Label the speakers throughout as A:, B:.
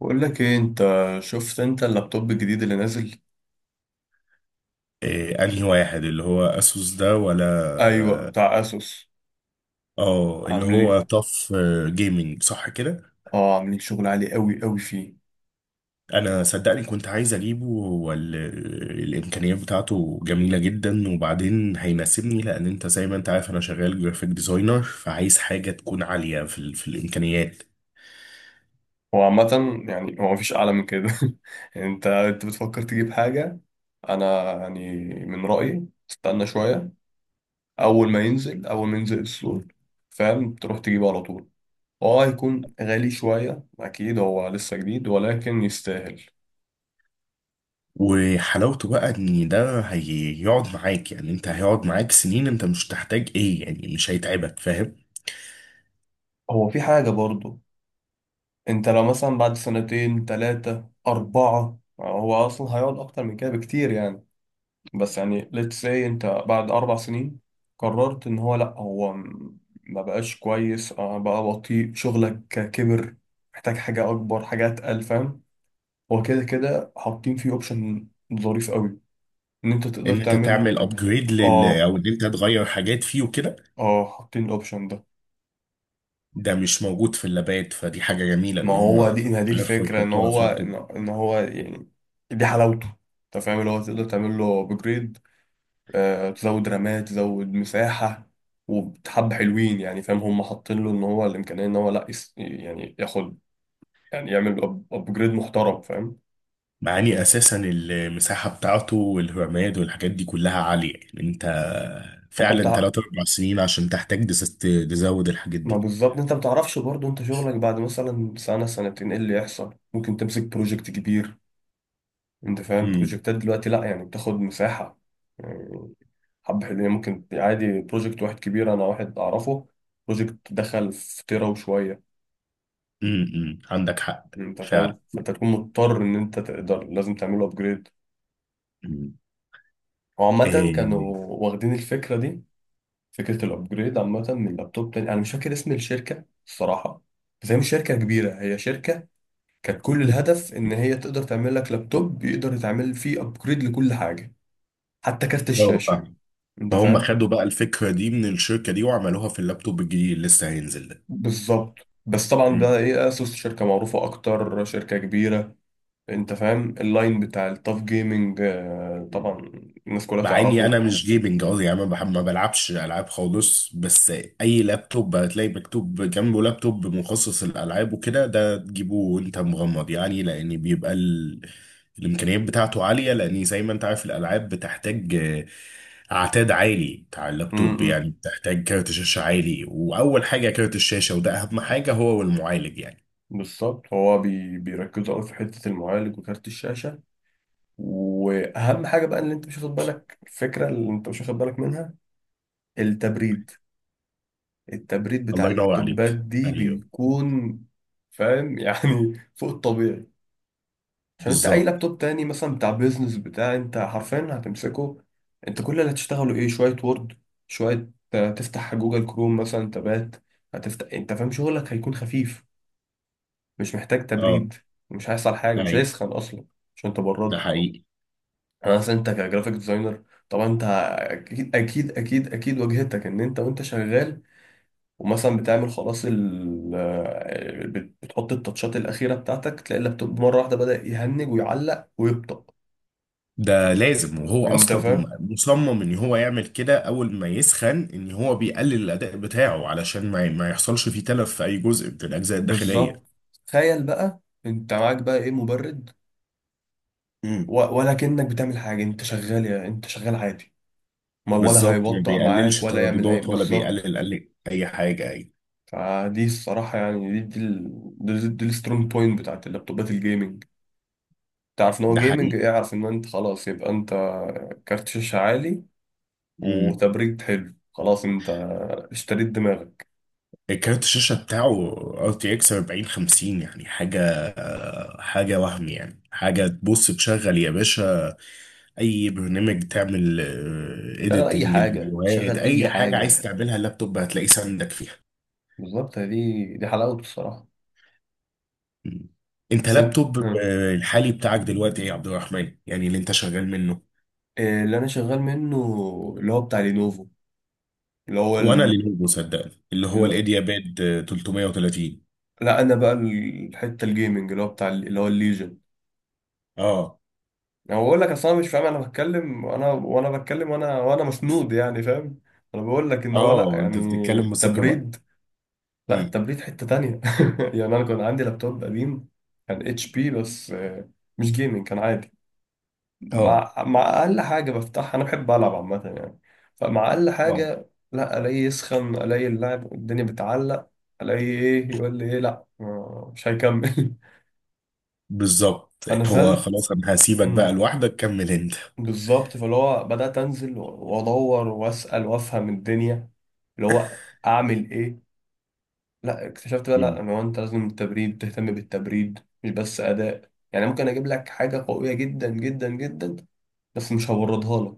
A: بقول لك ايه انت؟ شفت انت اللابتوب الجديد اللي نازل؟
B: إيه انهي واحد اللي هو اسوس ده ولا
A: ايوه،
B: اه؟
A: بتاع اسوس.
B: اللي
A: عاملين،
B: هو طف جيمنج، صح كده؟
A: اه عاملين شغل عالي قوي قوي فيه.
B: انا صدقني كنت عايز اجيبه، والامكانيات بتاعته جميله جدا، وبعدين هيناسبني لان انت زي ما انت عارف انا شغال جرافيك ديزاينر، فعايز حاجه تكون عاليه في في الامكانيات.
A: هو عامه يعني هو مفيش اعلى من كده. يعني انت بتفكر تجيب حاجه؟ انا يعني من رايي استنى شويه، اول ما ينزل السوق، فاهم؟ تروح تجيبه على طول. هو هيكون غالي شويه اكيد، هو لسه جديد، ولكن يستاهل.
B: وحلاوته بقى ان ده هيقعد معاك، يعني انت هيقعد معاك سنين، انت مش تحتاج ايه، يعني مش هيتعبك، فاهم؟
A: هو في حاجه برضه، انت لو مثلا بعد سنتين تلاتة أربعة، هو أصلا هيقعد أكتر من كده بكتير يعني. بس يعني let's say انت بعد أربع سنين قررت إن هو لأ، ما بقاش كويس، بقى بطيء، شغلك كبر، محتاج حاجة أكبر، حاجة أتقل، فاهم؟ هو كده كده حاطين فيه أوبشن ظريف قوي، إن أنت تقدر
B: ان انت
A: تعمل.
B: تعمل ابجريد
A: آه
B: او ان انت تغير حاجات فيه وكده.
A: آه، حاطين الأوبشن ده.
B: ده مش موجود في اللابات، فدي حاجة جميلة
A: ما
B: ان
A: هو
B: هم
A: دي ما دي
B: عرفوا
A: الفكرة، إن
B: يحطوها في
A: هو
B: لابتوب.
A: إن إن هو يعني دي حلاوته، انت فاهم؟ اللي هو تقدر تعمل له ابجريد، تزود رمات، تزود مساحة. وبحب حلوين يعني، فاهم؟ هم حاطين له ان هو الامكانية ان هو لا يس يعني ياخد، يعني يعمل ابجريد محترم، فاهم؟
B: مع اني اساسا المساحة بتاعته والرامات والحاجات دي كلها عالية، يعني انت
A: انت
B: فعلا
A: بتاع،
B: 3 4 سنين عشان تحتاج تزود الحاجات
A: ما
B: دي.
A: بالظبط انت ما بتعرفش برضه، انت شغلك بعد مثلا سنة سنتين ايه اللي يحصل، ممكن تمسك بروجكت كبير. انت فاهم
B: امم
A: بروجكتات دلوقتي؟ لا يعني بتاخد مساحة يعني. حب حلوين يعني، ممكن عادي بروجكت واحد كبير، انا واحد اعرفه بروجكت دخل في تيرا وشوية.
B: أمم. عندك حق،
A: انت فاهم؟
B: فعلا.
A: فانت تكون مضطر ان انت تقدر، لازم تعمله ابجريد.
B: أمم.
A: وعامة
B: إيه.
A: كانوا واخدين الفكرة دي، فكرة الأبجريد، عامة من لابتوب تاني، أنا مش فاكر اسم الشركة الصراحة، بس هي مش شركة كبيرة، هي شركة كانت كل الهدف إن هي تقدر تعمل لك لابتوب يقدر يتعمل فيه أبجريد لكل حاجة، حتى كارت
B: اه،
A: الشاشة.
B: فاهم.
A: أنت
B: فهم
A: فاهم؟
B: خدوا بقى الفكرة دي من الشركة دي، وعملوها في اللابتوب الجديد اللي لسه هينزل ده.
A: بالظبط. بس طبعا ده
B: امم
A: إيه، أسوس شركة معروفة أكتر، شركة كبيرة. أنت فاهم؟ اللاين بتاع التاف جيمنج، آه طبعا،
B: أمم.
A: الناس كلها
B: مع اني
A: تعرفه.
B: انا مش جيمنج قوي، يعني ما بحب ما بلعبش العاب خالص. بس اي لابتوب هتلاقي مكتوب جنبه لابتوب مخصص للالعاب وكده، ده تجيبه وانت مغمض، يعني لان بيبقى الامكانيات بتاعته عاليه، لان زي ما انت عارف الالعاب بتحتاج اعتاد عالي بتاع
A: م-
B: اللابتوب.
A: م.
B: يعني بتحتاج كارت شاشه عالي، واول حاجه كارت الشاشه، وده اهم حاجه هو المعالج يعني.
A: بالظبط، هو بيركزوا أوي في حتة المعالج وكارت الشاشة. واهم حاجه بقى اللي انت مش واخد بالك، الفكره اللي انت مش واخد بالك منها، التبريد. التبريد بتاع
B: الله ينور
A: اللابتوبات
B: عليك.
A: دي
B: ايوه.
A: بيكون، فاهم، يعني فوق الطبيعي. عشان انت اي
B: بالظبط.
A: لابتوب تاني مثلا بتاع بيزنس، بتاع انت حرفيا هتمسكه، انت كل اللي هتشتغله ايه، شويه وورد، شويه، تفتح جوجل كروم مثلا تبات، هتفتح، انت فاهم شغلك هيكون خفيف، مش محتاج
B: اه.
A: تبريد، مش هيحصل حاجه، مش
B: ايوه.
A: هيسخن اصلا عشان
B: ده
A: تبرده.
B: حقيقي.
A: انا اصلا انت كجرافيك ديزاينر طبعا انت اكيد واجهتك، ان انت وانت شغال ومثلا بتعمل خلاص ال بتحط التاتشات الاخيره بتاعتك، تلاقي اللابتوب مره واحده بدأ يهنج ويعلق ويبطأ.
B: ده لازم، وهو
A: انت
B: اصلا
A: فاهم؟
B: مصمم ان هو يعمل كده، اول ما يسخن ان هو بيقلل الاداء بتاعه، علشان ما يحصلش فيه تلف في اي جزء من الاجزاء الداخليه.
A: بالظبط. تخيل بقى، انت معاك بقى ايه، مبرد،
B: امم.
A: ولا كأنك بتعمل حاجه، انت شغال، يا انت شغال عادي، ما ولا
B: بالظبط. ما
A: هيبطأ معاك
B: بيقللش
A: ولا يعمل اي،
B: ترددات ولا
A: بالظبط.
B: بيقلل اي حاجه اي.
A: فدي الصراحه يعني، دي دي السترونج بوينت بتاعت اللابتوبات الجيمنج. تعرف ان هو
B: ده
A: جيمنج،
B: حقيقي.
A: اعرف ان انت خلاص، يبقى انت كارت شاشة عالي
B: امم.
A: وتبريد حلو، خلاص انت اشتريت دماغك.
B: الكارت الشاشه بتاعه ار تي اكس 4050، يعني حاجه حاجه وهم، يعني حاجه تبص تشغل يا باشا اي برنامج تعمل
A: شغل اي
B: اديتنج
A: حاجة،
B: الفيديوهات،
A: شغل اي
B: اي حاجه عايز
A: حاجة.
B: تعملها اللابتوب هتلاقيه ساندك فيها.
A: بالظبط، دي حلاوته الصراحة.
B: مم. انت
A: بس انت،
B: لابتوب
A: ها.
B: الحالي بتاعك دلوقتي ايه يا عبد الرحمن، يعني اللي انت شغال منه؟
A: إيه اللي انا شغال منه؟ اللي هو بتاع لينوفو، اللي هو
B: هو انا
A: ال...
B: لينوفو، صدقني اللي هو
A: اللي...
B: الايديا باد، 330.
A: لا انا بقى الحتة الجيمنج، اللي هو بتاع اللي هو الليجن.
B: اه.
A: انا بقول لك اصلا مش فاهم، انا بتكلم وانا بتكلم وانا مسنود يعني، فاهم؟ انا بقول لك ان هو لا
B: اه، انت
A: يعني
B: بتتكلم بثقه بقى.
A: تبريد، لا
B: امم.
A: التبريد حتة تانية. يعني أنا كان عندي لابتوب قديم، كان اتش بي بس، مش جيمنج، كان عادي.
B: اه.
A: مع أقل حاجة بفتحها، أنا بحب ألعب عامة يعني، فمع أقل
B: اه.
A: حاجة لا، ألاقي يسخن، ألاقي اللعب الدنيا بتعلق، ألاقي إيه، يقول لي إيه لا، مش هيكمل.
B: بالظبط. هو
A: فنزلت،
B: خلاص انا هسيبك بقى
A: مم،
B: لوحدك، كمل انت.
A: بالظبط، فاللي هو بدأت أنزل وأدور وأسأل وأفهم الدنيا، اللي هو أعمل إيه. لا اكتشفت بقى لا
B: مم.
A: ان هو انت لازم التبريد، تهتم بالتبريد، مش بس اداء يعني. ممكن اجيب لك حاجه قويه جدا، بس مش هوردها لك،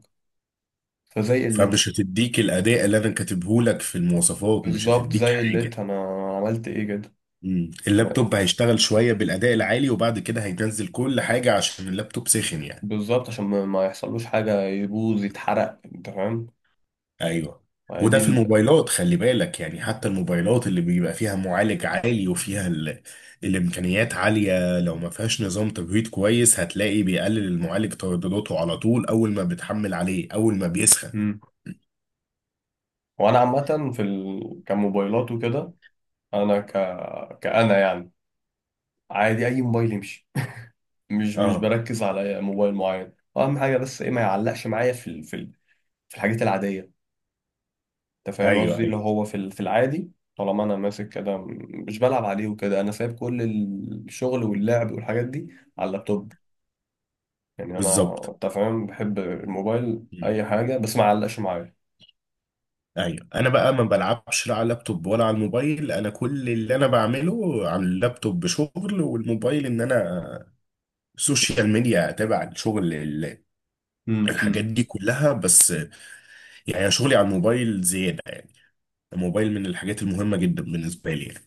A: فزي قلتها.
B: فمش هتديك الاداء اللي انا كاتبه لك في المواصفات، مش
A: بالظبط
B: هتديك
A: زي
B: حاجه.
A: قلتها انا، عملت ايه كده،
B: مم.
A: انا
B: اللابتوب هيشتغل شويه بالاداء العالي وبعد كده هينزل كل حاجه عشان اللابتوب سخن يعني.
A: بالظبط عشان ما يحصلوش حاجه، يبوظ يتحرق، انت فاهم؟
B: ايوه.
A: يعني دي
B: وده في
A: ال...
B: الموبايلات خلي بالك، يعني حتى الموبايلات اللي بيبقى فيها معالج عالي وفيها الامكانيات عاليه، لو ما فيهاش نظام تبريد كويس هتلاقي بيقلل المعالج تردداته على طول اول ما بتحمل عليه، اول ما بيسخن.
A: مم. وانا عامه في ال... كموبايلات وكده، انا ك، كأنا يعني عادي، اي موبايل يمشي. مش
B: اه.
A: بركز على موبايل معين، اهم حاجه بس ايه، ما يعلقش معايا في ال... في ال... في الحاجات العاديه. انت فاهم
B: ايوه.
A: قصدي؟ اللي
B: ايوه.
A: هو في في العادي، طالما انا ماسك كده مش بلعب عليه وكده، انا سايب كل الشغل واللعب والحاجات دي على اللابتوب يعني. انا
B: بالظبط.
A: انت فاهم، بحب الموبايل
B: مم.
A: اي حاجه، بس ما علقش معايا.
B: ايوه. انا بقى ما بلعبش لا على اللابتوب ولا على الموبايل، انا كل اللي انا بعمله على اللابتوب شغل، والموبايل ان انا سوشيال ميديا اتابع الشغل
A: مم،
B: الحاجات
A: مم.
B: دي كلها، بس يعني أنا شغلي على الموبايل زيادة يعني. الموبايل من الحاجات المهمة جدا بالنسبة لي يعني.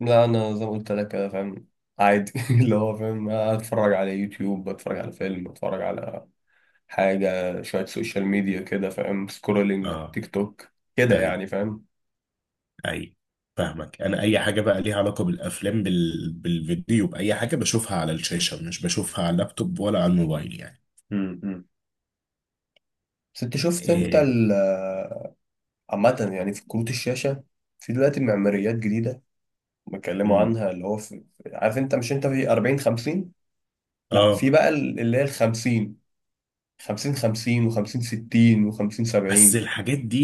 A: لا انا زي ما قلت لك كده، فاهم عادي، اللي هو فاهم، اتفرج على يوتيوب، بتفرج على فيلم، بتفرج على حاجه، شويه سوشيال ميديا كده، فاهم، سكرولينج
B: اه.
A: تيك توك كده،
B: اي
A: يعني فاهم.
B: اي، فاهمك، انا اي حاجة بقى ليها علاقة بالافلام بالفيديو باي حاجة بشوفها على الشاشة مش بشوفها على اللابتوب ولا على الموبايل يعني.
A: مم، مم. بس انت شفت انت
B: إيه.
A: عامة يعني في كروت الشاشة، في دلوقتي معماريات جديدة بيتكلموا
B: مم.
A: عنها، اللي هو في عارف انت مش، انت في 40 50، لا في
B: اه.
A: بقى اللي هي ال 50، 50 50 و50 60 و50
B: بس
A: 70.
B: الحاجات دي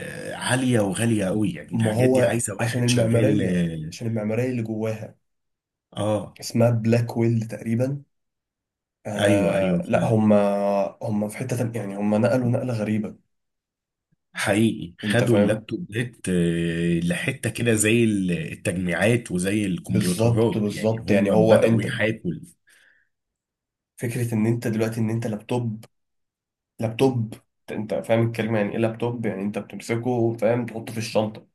B: عالية وغالية قوي، يعني
A: ما
B: الحاجات دي
A: هو
B: عايزة
A: عشان
B: واحد شغال.
A: المعمارية، اللي جواها
B: اه. آه.
A: اسمها بلاك ويل تقريبا.
B: ايوه ايوه،
A: آه لا
B: فعلا.
A: هم، هم في حتة تانية يعني، هم نقلوا نقلة غريبة.
B: حقيقي
A: انت
B: خدوا
A: فاهم؟
B: اللابتوبات لحتة كده زي التجميعات وزي
A: بالظبط
B: الكمبيوترات، يعني
A: بالظبط يعني
B: هم
A: هو
B: بدأوا
A: انت،
B: يحاكوا.
A: فكرة ان انت دلوقتي ان انت لابتوب، لابتوب انت فاهم الكلمة يعني ايه لابتوب، يعني انت بتمسكه، فاهم، تحطه في الشنطة،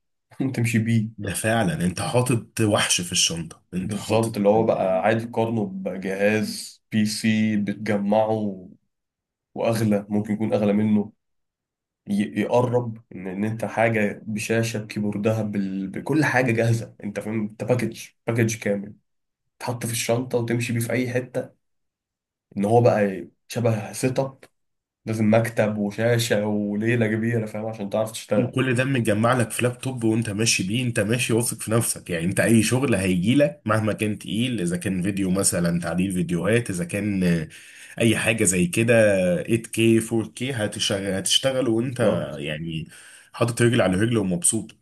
A: تمشي بيه.
B: ده فعلا انت حاطط وحش في الشنطة، انت حاطط
A: بالظبط، اللي هو بقى عادي تقارنه بجهاز بي سي بتجمعه، واغلى ممكن يكون اغلى منه، يقرب ان انت حاجة بشاشة بكيبوردها بال... بكل حاجة جاهزة. انت فاهم؟ انت باكج، باكج كامل، تحط في الشنطة وتمشي بيه في اي حتة. ان هو بقى شبه سيت اب، لازم مكتب وشاشة وليلة كبيرة، فاهم، عشان تعرف تشتغل.
B: وكل ده متجمع لك في لابتوب، وانت ماشي بيه، انت ماشي واثق في نفسك، يعني انت اي شغل هيجي لك مهما كان تقيل، اذا كان فيديو مثلا تعديل فيديوهات، اذا كان اي حاجة زي كده 8K 4K هتشغل هتشتغل وانت
A: بالظبط.
B: يعني حاطط رجل على رجل ومبسوط.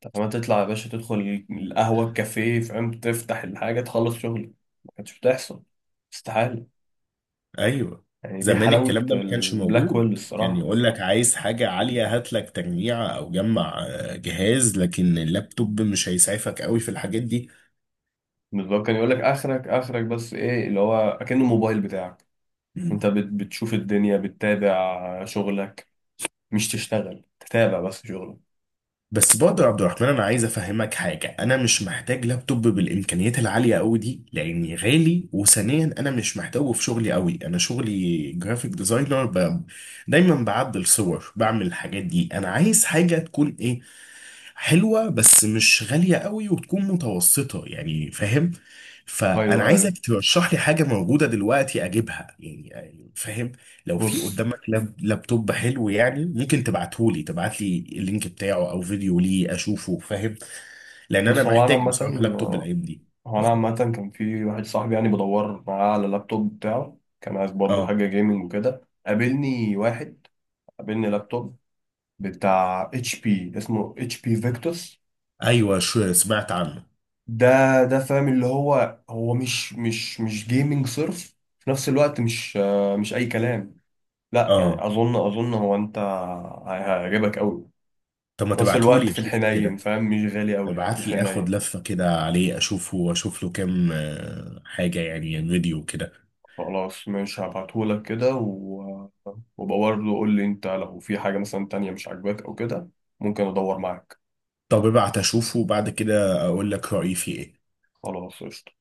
A: طب ما تطلع يا باشا، تدخل القهوة، الكافيه فاهم، تفتح الحاجة، تخلص شغل. ما كانتش بتحصل، استحالة.
B: ايوه.
A: يعني دي
B: زمان
A: حلاوة
B: الكلام ده ما كانش
A: البلاك
B: موجود،
A: ويل
B: كان
A: الصراحة.
B: يقول لك عايز حاجة عالية هات لك تجميعة او جمع جهاز، لكن اللابتوب مش هيسعفك قوي في الحاجات دي.
A: اللي هو كان يقول لك آخرك، آخرك بس إيه، اللي هو أكن الموبايل بتاعك،
B: مم.
A: أنت بتشوف الدنيا، بتتابع شغلك، مش تشتغل، تتابع بس شغلك.
B: بس برضه يا عبد الرحمن انا عايز افهمك حاجة، انا مش محتاج لابتوب بالامكانيات العالية قوي دي لاني غالي، وثانيا انا مش محتاجه في شغلي قوي، انا شغلي جرافيك ديزاينر دايما بعدل صور بعمل الحاجات دي. انا عايز حاجة تكون ايه، حلوة بس مش غالية قوي، وتكون متوسطة يعني فاهم. فأنا
A: أيوه أيوه.
B: عايزك ترشح لي حاجة موجودة دلوقتي أجيبها يعني فاهم. لو في
A: بص.
B: قدامك لابتوب حلو يعني ممكن تبعتهولي، تبعتلي اللينك بتاعه أو فيديو ليه أشوفه فاهم. لأن أنا
A: بص هو أنا
B: محتاج
A: عامة،
B: بصراحة لابتوب الأيام دي.
A: كان في واحد صاحبي يعني بدور معاه على اللابتوب بتاعه، كان عايز برضه
B: أه.
A: حاجة جيمنج وكده. قابلني واحد، قابلني لابتوب بتاع اتش بي، اسمه اتش بي فيكتوس
B: أيوة، شو سمعت عنه.
A: ده. ده فاهم، اللي هو هو مش جيمنج صرف، في نفس الوقت مش، مش اي كلام، لا
B: أه.
A: يعني اظن، اظن هو انت هيعجبك قوي.
B: طب ما
A: في نفس الوقت
B: تبعتهولي
A: في
B: أشوف
A: الحنين،
B: كده.
A: فاهم، مش غالي قوي في
B: ابعتلي آخد
A: الحنين.
B: لفة كده عليه أشوفه وأشوف له كام حاجة يعني فيديو كده.
A: خلاص ماشي، هبعتهولك كده و... وبقى برضه قول لي انت، لو في حاجة مثلا تانية مش عاجباك او كده، ممكن ادور معاك.
B: طب ابعت اشوفه وبعد كده اقول لك رأيي فيه ايه.
A: خلاص قشطة.